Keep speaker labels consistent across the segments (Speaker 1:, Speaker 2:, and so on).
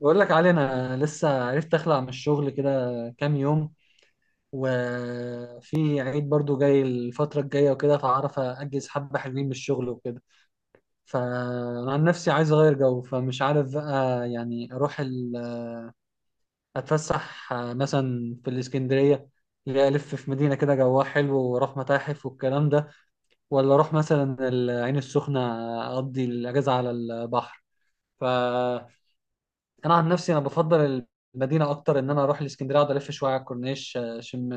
Speaker 1: بقول لك علي انا لسه عرفت اخلع من الشغل كده كام يوم، وفي عيد برضو جاي الفترة الجاية وكده، فعارف اجز حبة حلوين من الشغل وكده. فانا عن نفسي عايز اغير جو، فمش عارف بقى، يعني اروح اتفسح مثلا في الاسكندرية، اللي هي الف في مدينة كده جواها حلو واروح متاحف والكلام ده، ولا اروح مثلا العين السخنة اقضي الاجازة على البحر. ف انا عن نفسي انا بفضل المدينه اكتر، ان انا اروح الاسكندريه اقعد الف شويه على الكورنيش اشم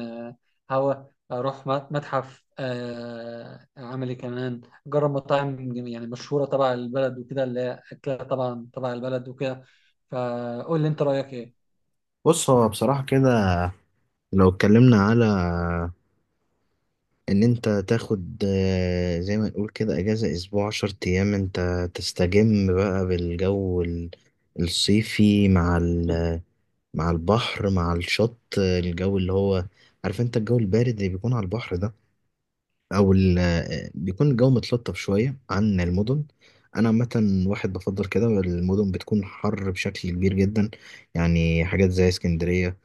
Speaker 1: هوا، اروح متحف، اعمل ايه كمان، اجرب مطاعم يعني مشهوره تبع البلد وكده، اللي هي اكلها طبعا تبع البلد وكده. فقول لي انت رايك ايه؟
Speaker 2: بص، هو بصراحة كده، لو اتكلمنا على إن أنت تاخد، زي ما نقول كده، أجازة أسبوع 10 أيام، أنت تستجم بقى بالجو الصيفي مع مع البحر، مع الشط، الجو اللي هو، عارف أنت الجو البارد اللي بيكون على البحر ده، أو بيكون الجو متلطف شوية عن المدن. أنا عامة واحد بفضل كده المدن بتكون حر بشكل كبير جدا. يعني حاجات زي اسكندرية،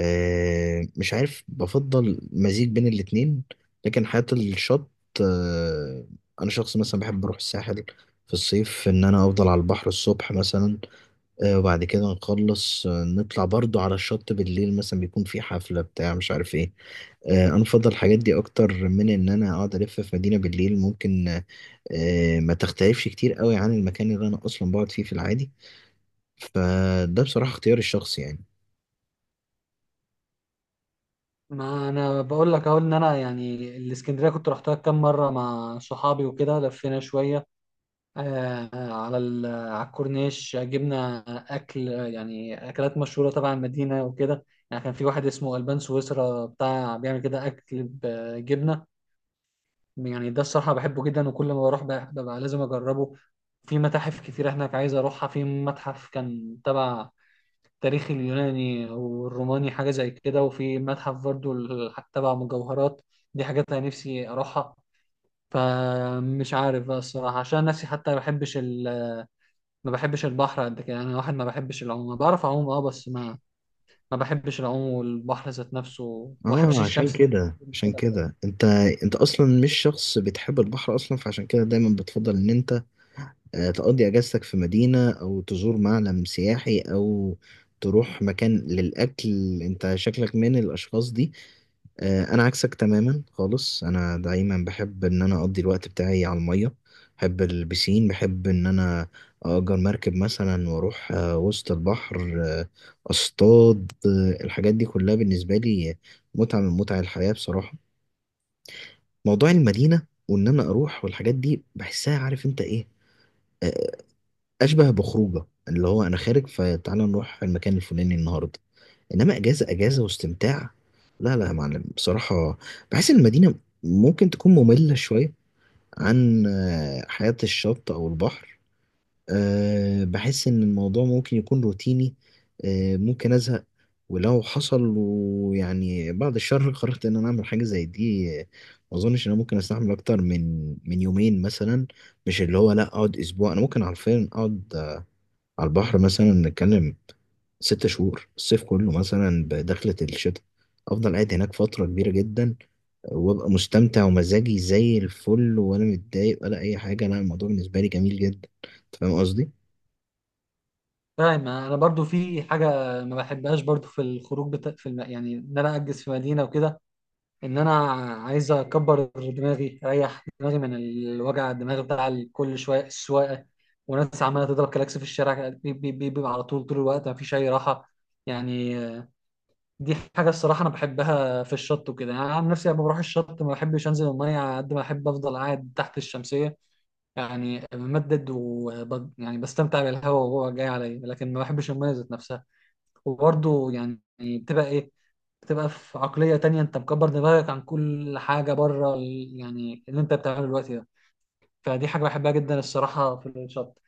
Speaker 2: مش عارف، بفضل مزيج بين الاتنين. لكن حياة الشط، آه، أنا شخص مثلا بحب أروح الساحل في الصيف، إن أنا أفضل على البحر الصبح مثلا، وبعد كده نخلص، نطلع برضو على الشط بالليل، مثلا بيكون في حفلة بتاع مش عارف إيه. أنا بفضل الحاجات دي أكتر من إن أنا أقعد ألف في مدينة بالليل، ممكن ما تختلفش كتير قوي عن المكان اللي أنا أصلا بقعد فيه في العادي. فده بصراحة اختياري الشخصي يعني.
Speaker 1: ما انا بقول لك اهو ان انا يعني الاسكندريه كنت رحتها كام مره مع صحابي وكده، لفينا شويه على على الكورنيش، جبنا اكل يعني اكلات مشهوره تبع المدينه وكده. يعني كان في واحد اسمه البان سويسرا بتاع بيعمل كده اكل بجبنه، يعني ده الصراحه بحبه جدا وكل ما بروح ببقى لازم اجربه. في متاحف كتير هناك عايز اروحها، في متحف كان تبع تاريخ اليوناني والروماني حاجه زي كده، وفي متحف برضو تبع مجوهرات، دي حاجات انا نفسي اروحها. فمش عارف بقى الصراحه، عشان نفسي حتى ما بحبش، ما بحبش البحر قد كده، انا واحد ما بحبش العوم. أنا بعرف اعوم اه، بس ما ما بحبش العوم والبحر ذات نفسه، وما بحبش
Speaker 2: اه، عشان
Speaker 1: الشمس كده.
Speaker 2: كده، انت اصلا مش شخص بتحب البحر اصلا، فعشان كده دايما بتفضل ان انت تقضي اجازتك في مدينة، او تزور معلم سياحي، او تروح مكان للاكل. انت شكلك من الاشخاص دي. انا عكسك تماما خالص، انا دايما بحب ان انا اقضي الوقت بتاعي على الميه. بحب البسين، بحب ان انا اجر مركب مثلا واروح وسط البحر، اصطاد، الحاجات دي كلها بالنسبه لي متعه من متع الحياه بصراحه. موضوع المدينه وان انا اروح والحاجات دي بحسها، عارف انت ايه، آه، اشبه بخروجه، اللي هو انا خارج فتعالى نروح المكان الفلاني النهارده. انما اجازه اجازه واستمتاع، لا لا يا معلم بصراحه. بحس ان المدينه ممكن تكون ممله شويه عن حياه الشط او البحر. بحس ان الموضوع ممكن يكون روتيني، ممكن ازهق. ولو حصل ويعني بعد الشر قررت ان انا اعمل حاجه زي دي، ما اظنش ان انا ممكن استحمل اكتر من يومين مثلا. مش اللي هو لا اقعد اسبوع، انا ممكن عارفين اقعد على البحر مثلا، نتكلم 6 شهور، الصيف كله مثلا بدخلة الشتاء، أفضل قاعد هناك فترة كبيرة جدا. وأبقى مستمتع ومزاجي زي الفل، ولا متضايق ولا أي حاجة، لا الموضوع بالنسبة لي جميل جدا. أنت فاهم قصدي؟
Speaker 1: فاهم، انا برضو في حاجه ما بحبهاش برضو في الخروج في يعني ان انا اجز في مدينه وكده، ان انا عايز اكبر دماغي اريح دماغي من الوجع الدماغ بتاع كل شويه السواقه وناس عماله تضرب كلاكس في الشارع، بيبقى على طول طول الوقت ما فيش اي راحه يعني. دي حاجة الصراحة أنا بحبها في الشط وكده، يعني أنا عن نفسي لما بروح الشط ما بحبش أنزل المية، على قد ما أحب أفضل قاعد تحت الشمسية يعني، بمدد يعني بستمتع بالهواء وهو جاي عليا، لكن ما بحبش المية ذات نفسها. وبرضه يعني بتبقى إيه، بتبقى في عقلية تانية، أنت مكبر دماغك عن كل حاجة بره يعني اللي أنت بتعمله دلوقتي ده. فدي حاجة بحبها جدا الصراحة في الشط،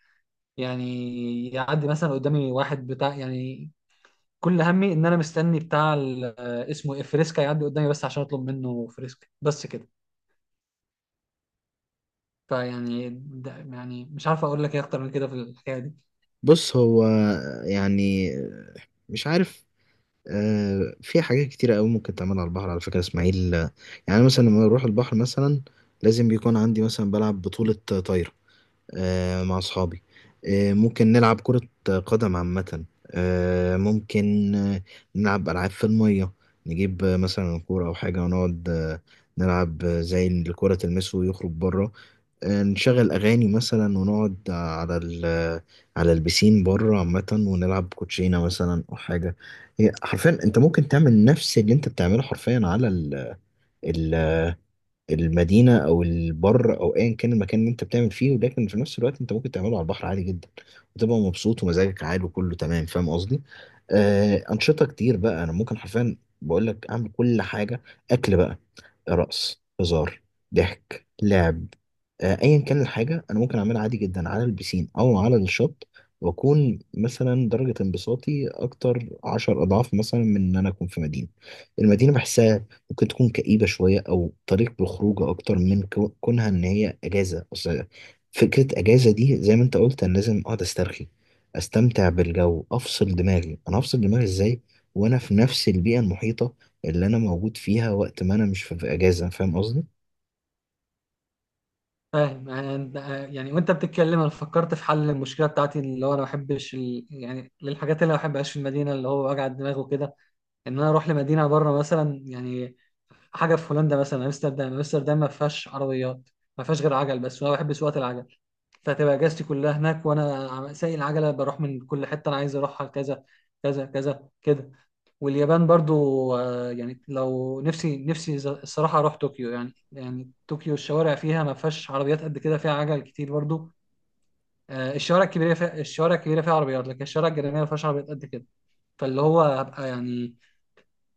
Speaker 1: يعني يعدي مثلا قدامي واحد بتاع يعني كل همي ان انا مستني بتاع اسمه ايه، فريسكا، يعدي قدامي بس عشان اطلب منه فريسكا بس كده. فيعني ده يعني مش عارف اقول لك ايه اكتر من كده في الحكايه دي.
Speaker 2: بص هو، يعني مش عارف، في حاجات كتيرة أوي ممكن تعمل على البحر، على فكرة يا إسماعيل. يعني مثلا لما أروح البحر مثلا، لازم بيكون عندي مثلا بلعب بطولة طايرة مع أصحابي. ممكن نلعب كرة قدم عامة، ممكن نلعب ألعاب في المية. نجيب مثلا كورة أو حاجة، ونقعد نلعب زي اللي الكرة تلمسه ويخرج بره. نشغل أغاني مثلا، ونقعد على على البسين بره عامة، ونلعب كوتشينة مثلا أو حاجة. هي حرفيا أنت ممكن تعمل نفس اللي أنت بتعمله حرفيا على ال المدينة أو البر أو أيا كان المكان اللي أنت بتعمل فيه، ولكن في نفس الوقت أنت ممكن تعمله على البحر عادي جدا، وتبقى مبسوط ومزاجك عالي وكله تمام. فاهم قصدي؟ آه، أنشطة كتير بقى، أنا ممكن حرفيا بقول لك أعمل كل حاجة. أكل بقى، رقص، هزار، ضحك، لعب، ايا كان الحاجه انا ممكن اعملها عادي جدا على البسين او على الشط، واكون مثلا درجه انبساطي اكتر 10 اضعاف مثلا من ان انا اكون في مدينه. المدينه بحسها ممكن تكون كئيبه شويه، او طريق بالخروج اكتر من كونها ان هي اجازه. اصل فكره اجازه دي زي ما انت قلت، انا لازم اقعد استرخي، استمتع بالجو، افصل دماغي. انا هفصل دماغي ازاي وانا في نفس البيئه المحيطه اللي انا موجود فيها وقت ما انا مش في اجازه؟ فاهم قصدي؟
Speaker 1: فاهم، يعني يعني وانت بتتكلم انا فكرت في حل المشكله بتاعتي، اللي هو انا ما بحبش يعني للحاجات اللي ما بحبهاش في المدينه، اللي هو وجع الدماغ وكده، ان انا اروح لمدينه بره مثلا، يعني حاجه في هولندا مثلا، امستردام. امستردام ما فيهاش عربيات، ما فيهاش غير عجل بس، وانا بحب سواقه العجل. فهتبقى اجازتي كلها هناك وانا سايق العجله بروح من كل حته انا عايز اروحها، كذا كذا كذا كده. واليابان برضو، يعني لو نفسي نفسي الصراحه اروح طوكيو. يعني يعني طوكيو الشوارع فيها ما فيهاش عربيات قد كده، فيها عجل كتير برضو. الشوارع الكبيره فيها، الشوارع الكبيره فيها عربيات، لكن الشوارع الجانبيه ما فيهاش عربيات قد كده. فاللي هو هبقى يعني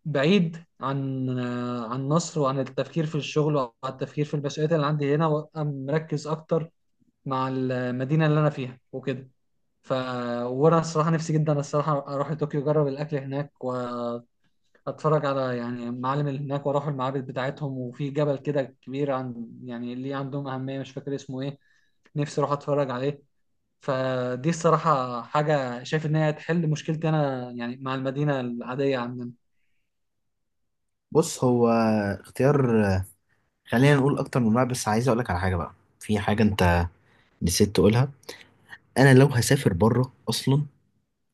Speaker 1: بعيد عن عن مصر، وعن التفكير في الشغل، وعن التفكير في المسؤوليات اللي عندي هنا، وابقى مركز اكتر مع المدينه اللي انا فيها وكده. ف وانا الصراحه نفسي جدا الصراحه اروح لطوكيو، اجرب الاكل هناك واتفرج على يعني المعالم اللي هناك، واروح المعابد بتاعتهم. وفي جبل كده كبير عن يعني ليه عندهم اهميه، مش فاكر اسمه ايه، نفسي اروح اتفرج عليه. فدي الصراحه حاجه شايف ان هي هتحل مشكلتي انا يعني مع المدينه العاديه عندنا.
Speaker 2: بص، هو اختيار، خلينا نقول اكتر من واحد، بس عايز اقول لك على حاجه بقى. في حاجه انت نسيت تقولها. انا لو هسافر بره اصلا،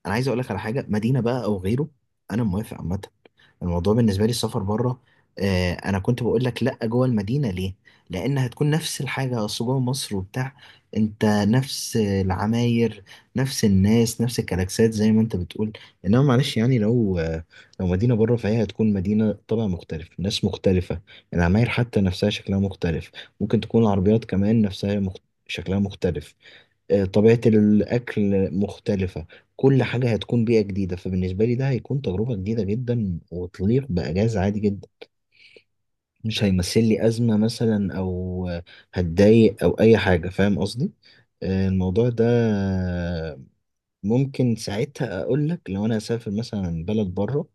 Speaker 2: انا عايز اقول لك على حاجه، مدينه بقى او غيره انا موافق عامه. الموضوع بالنسبه لي السفر بره، آه، انا كنت بقول لك لا جوه المدينه ليه، لان هتكون نفس الحاجه، اصل جوه مصر وبتاع، انت نفس العماير، نفس الناس، نفس الكلاكسات زي ما انت بتقول. انما معلش يعني، لو مدينه بره، فهي هتكون مدينه طبع مختلف، ناس مختلفه، العماير حتى نفسها شكلها مختلف، ممكن تكون العربيات كمان نفسها شكلها مختلف. طبيعة الأكل مختلفة، كل حاجة هتكون بيئة جديدة. فبالنسبة لي ده هيكون تجربة جديدة جدا وتليق بأجازة عادي جدا، مش هيمثل لي أزمة مثلا أو هتضايق أو أي حاجة. فاهم قصدي؟ الموضوع ده ممكن ساعتها اقول لك لو انا هسافر مثلا بلد بره،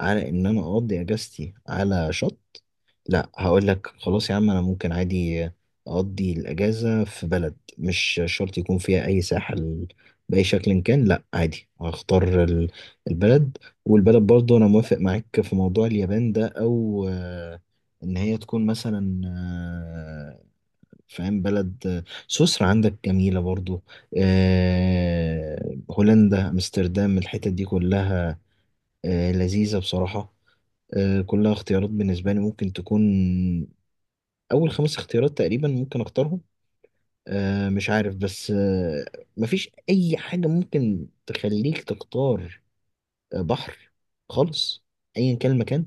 Speaker 2: على ان انا اقضي اجازتي على شط، لا هقول لك خلاص يا عم، انا ممكن عادي اقضي الاجازه في بلد مش شرط يكون فيها اي ساحل، باي شكل كان، لا عادي. هختار البلد، والبلد برضه انا موافق معاك في موضوع اليابان ده، او ان هي تكون مثلا، فاهم، بلد سويسرا عندك جميلة برضو، هولندا، أمستردام، الحتت دي كلها لذيذة بصراحة. كلها اختيارات بالنسبة لي، ممكن تكون أول خمس اختيارات تقريبا ممكن أختارهم. مش عارف بس، مفيش أي حاجة ممكن تخليك تختار بحر خالص أيا كان المكان؟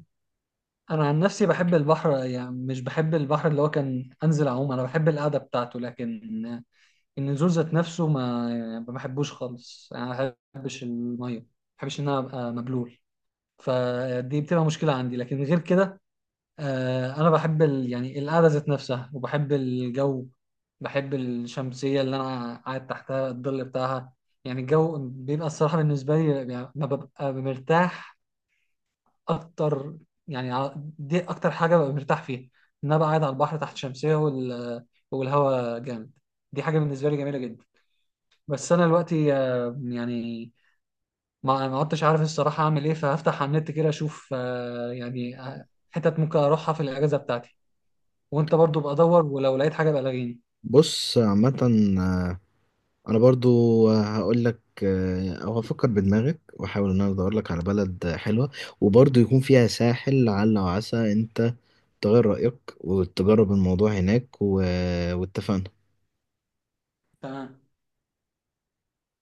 Speaker 1: انا عن نفسي بحب البحر، يعني مش بحب البحر اللي هو كان انزل اعوم، انا بحب القعده بتاعته، لكن النزول ذات نفسه ما يعني ما بحبوش خالص. يعني ما بحبش الميه، ما بحبش ان انا ابقى مبلول، فدي بتبقى مشكله عندي. لكن غير كده انا بحب يعني القعده ذات نفسها، وبحب الجو، بحب الشمسيه اللي انا قاعد تحتها الظل بتاعها. يعني الجو بيبقى الصراحه بالنسبه لي يعني ما ببقى مرتاح اكتر، يعني دي اكتر حاجه ببقى مرتاح فيها، ان انا بقى قاعد على البحر تحت شمسيه والهواء جامد، دي حاجه بالنسبه لي جميله جدا. بس انا دلوقتي يعني ما ما عدتش عارف الصراحه اعمل ايه، فهفتح على النت كده اشوف يعني حتت ممكن اروحها في الاجازه بتاعتي. وانت برضو بقى دور، ولو لقيت حاجه بقى لغيني.
Speaker 2: بص عامة، آه، انا برضو هقول لك، او هفكر بدماغك واحاول ان انا ادور لك على بلد حلوه وبرضو يكون فيها ساحل، لعل وعسى انت تغير رايك وتجرب الموضوع هناك واتفقنا.
Speaker 1: تمام.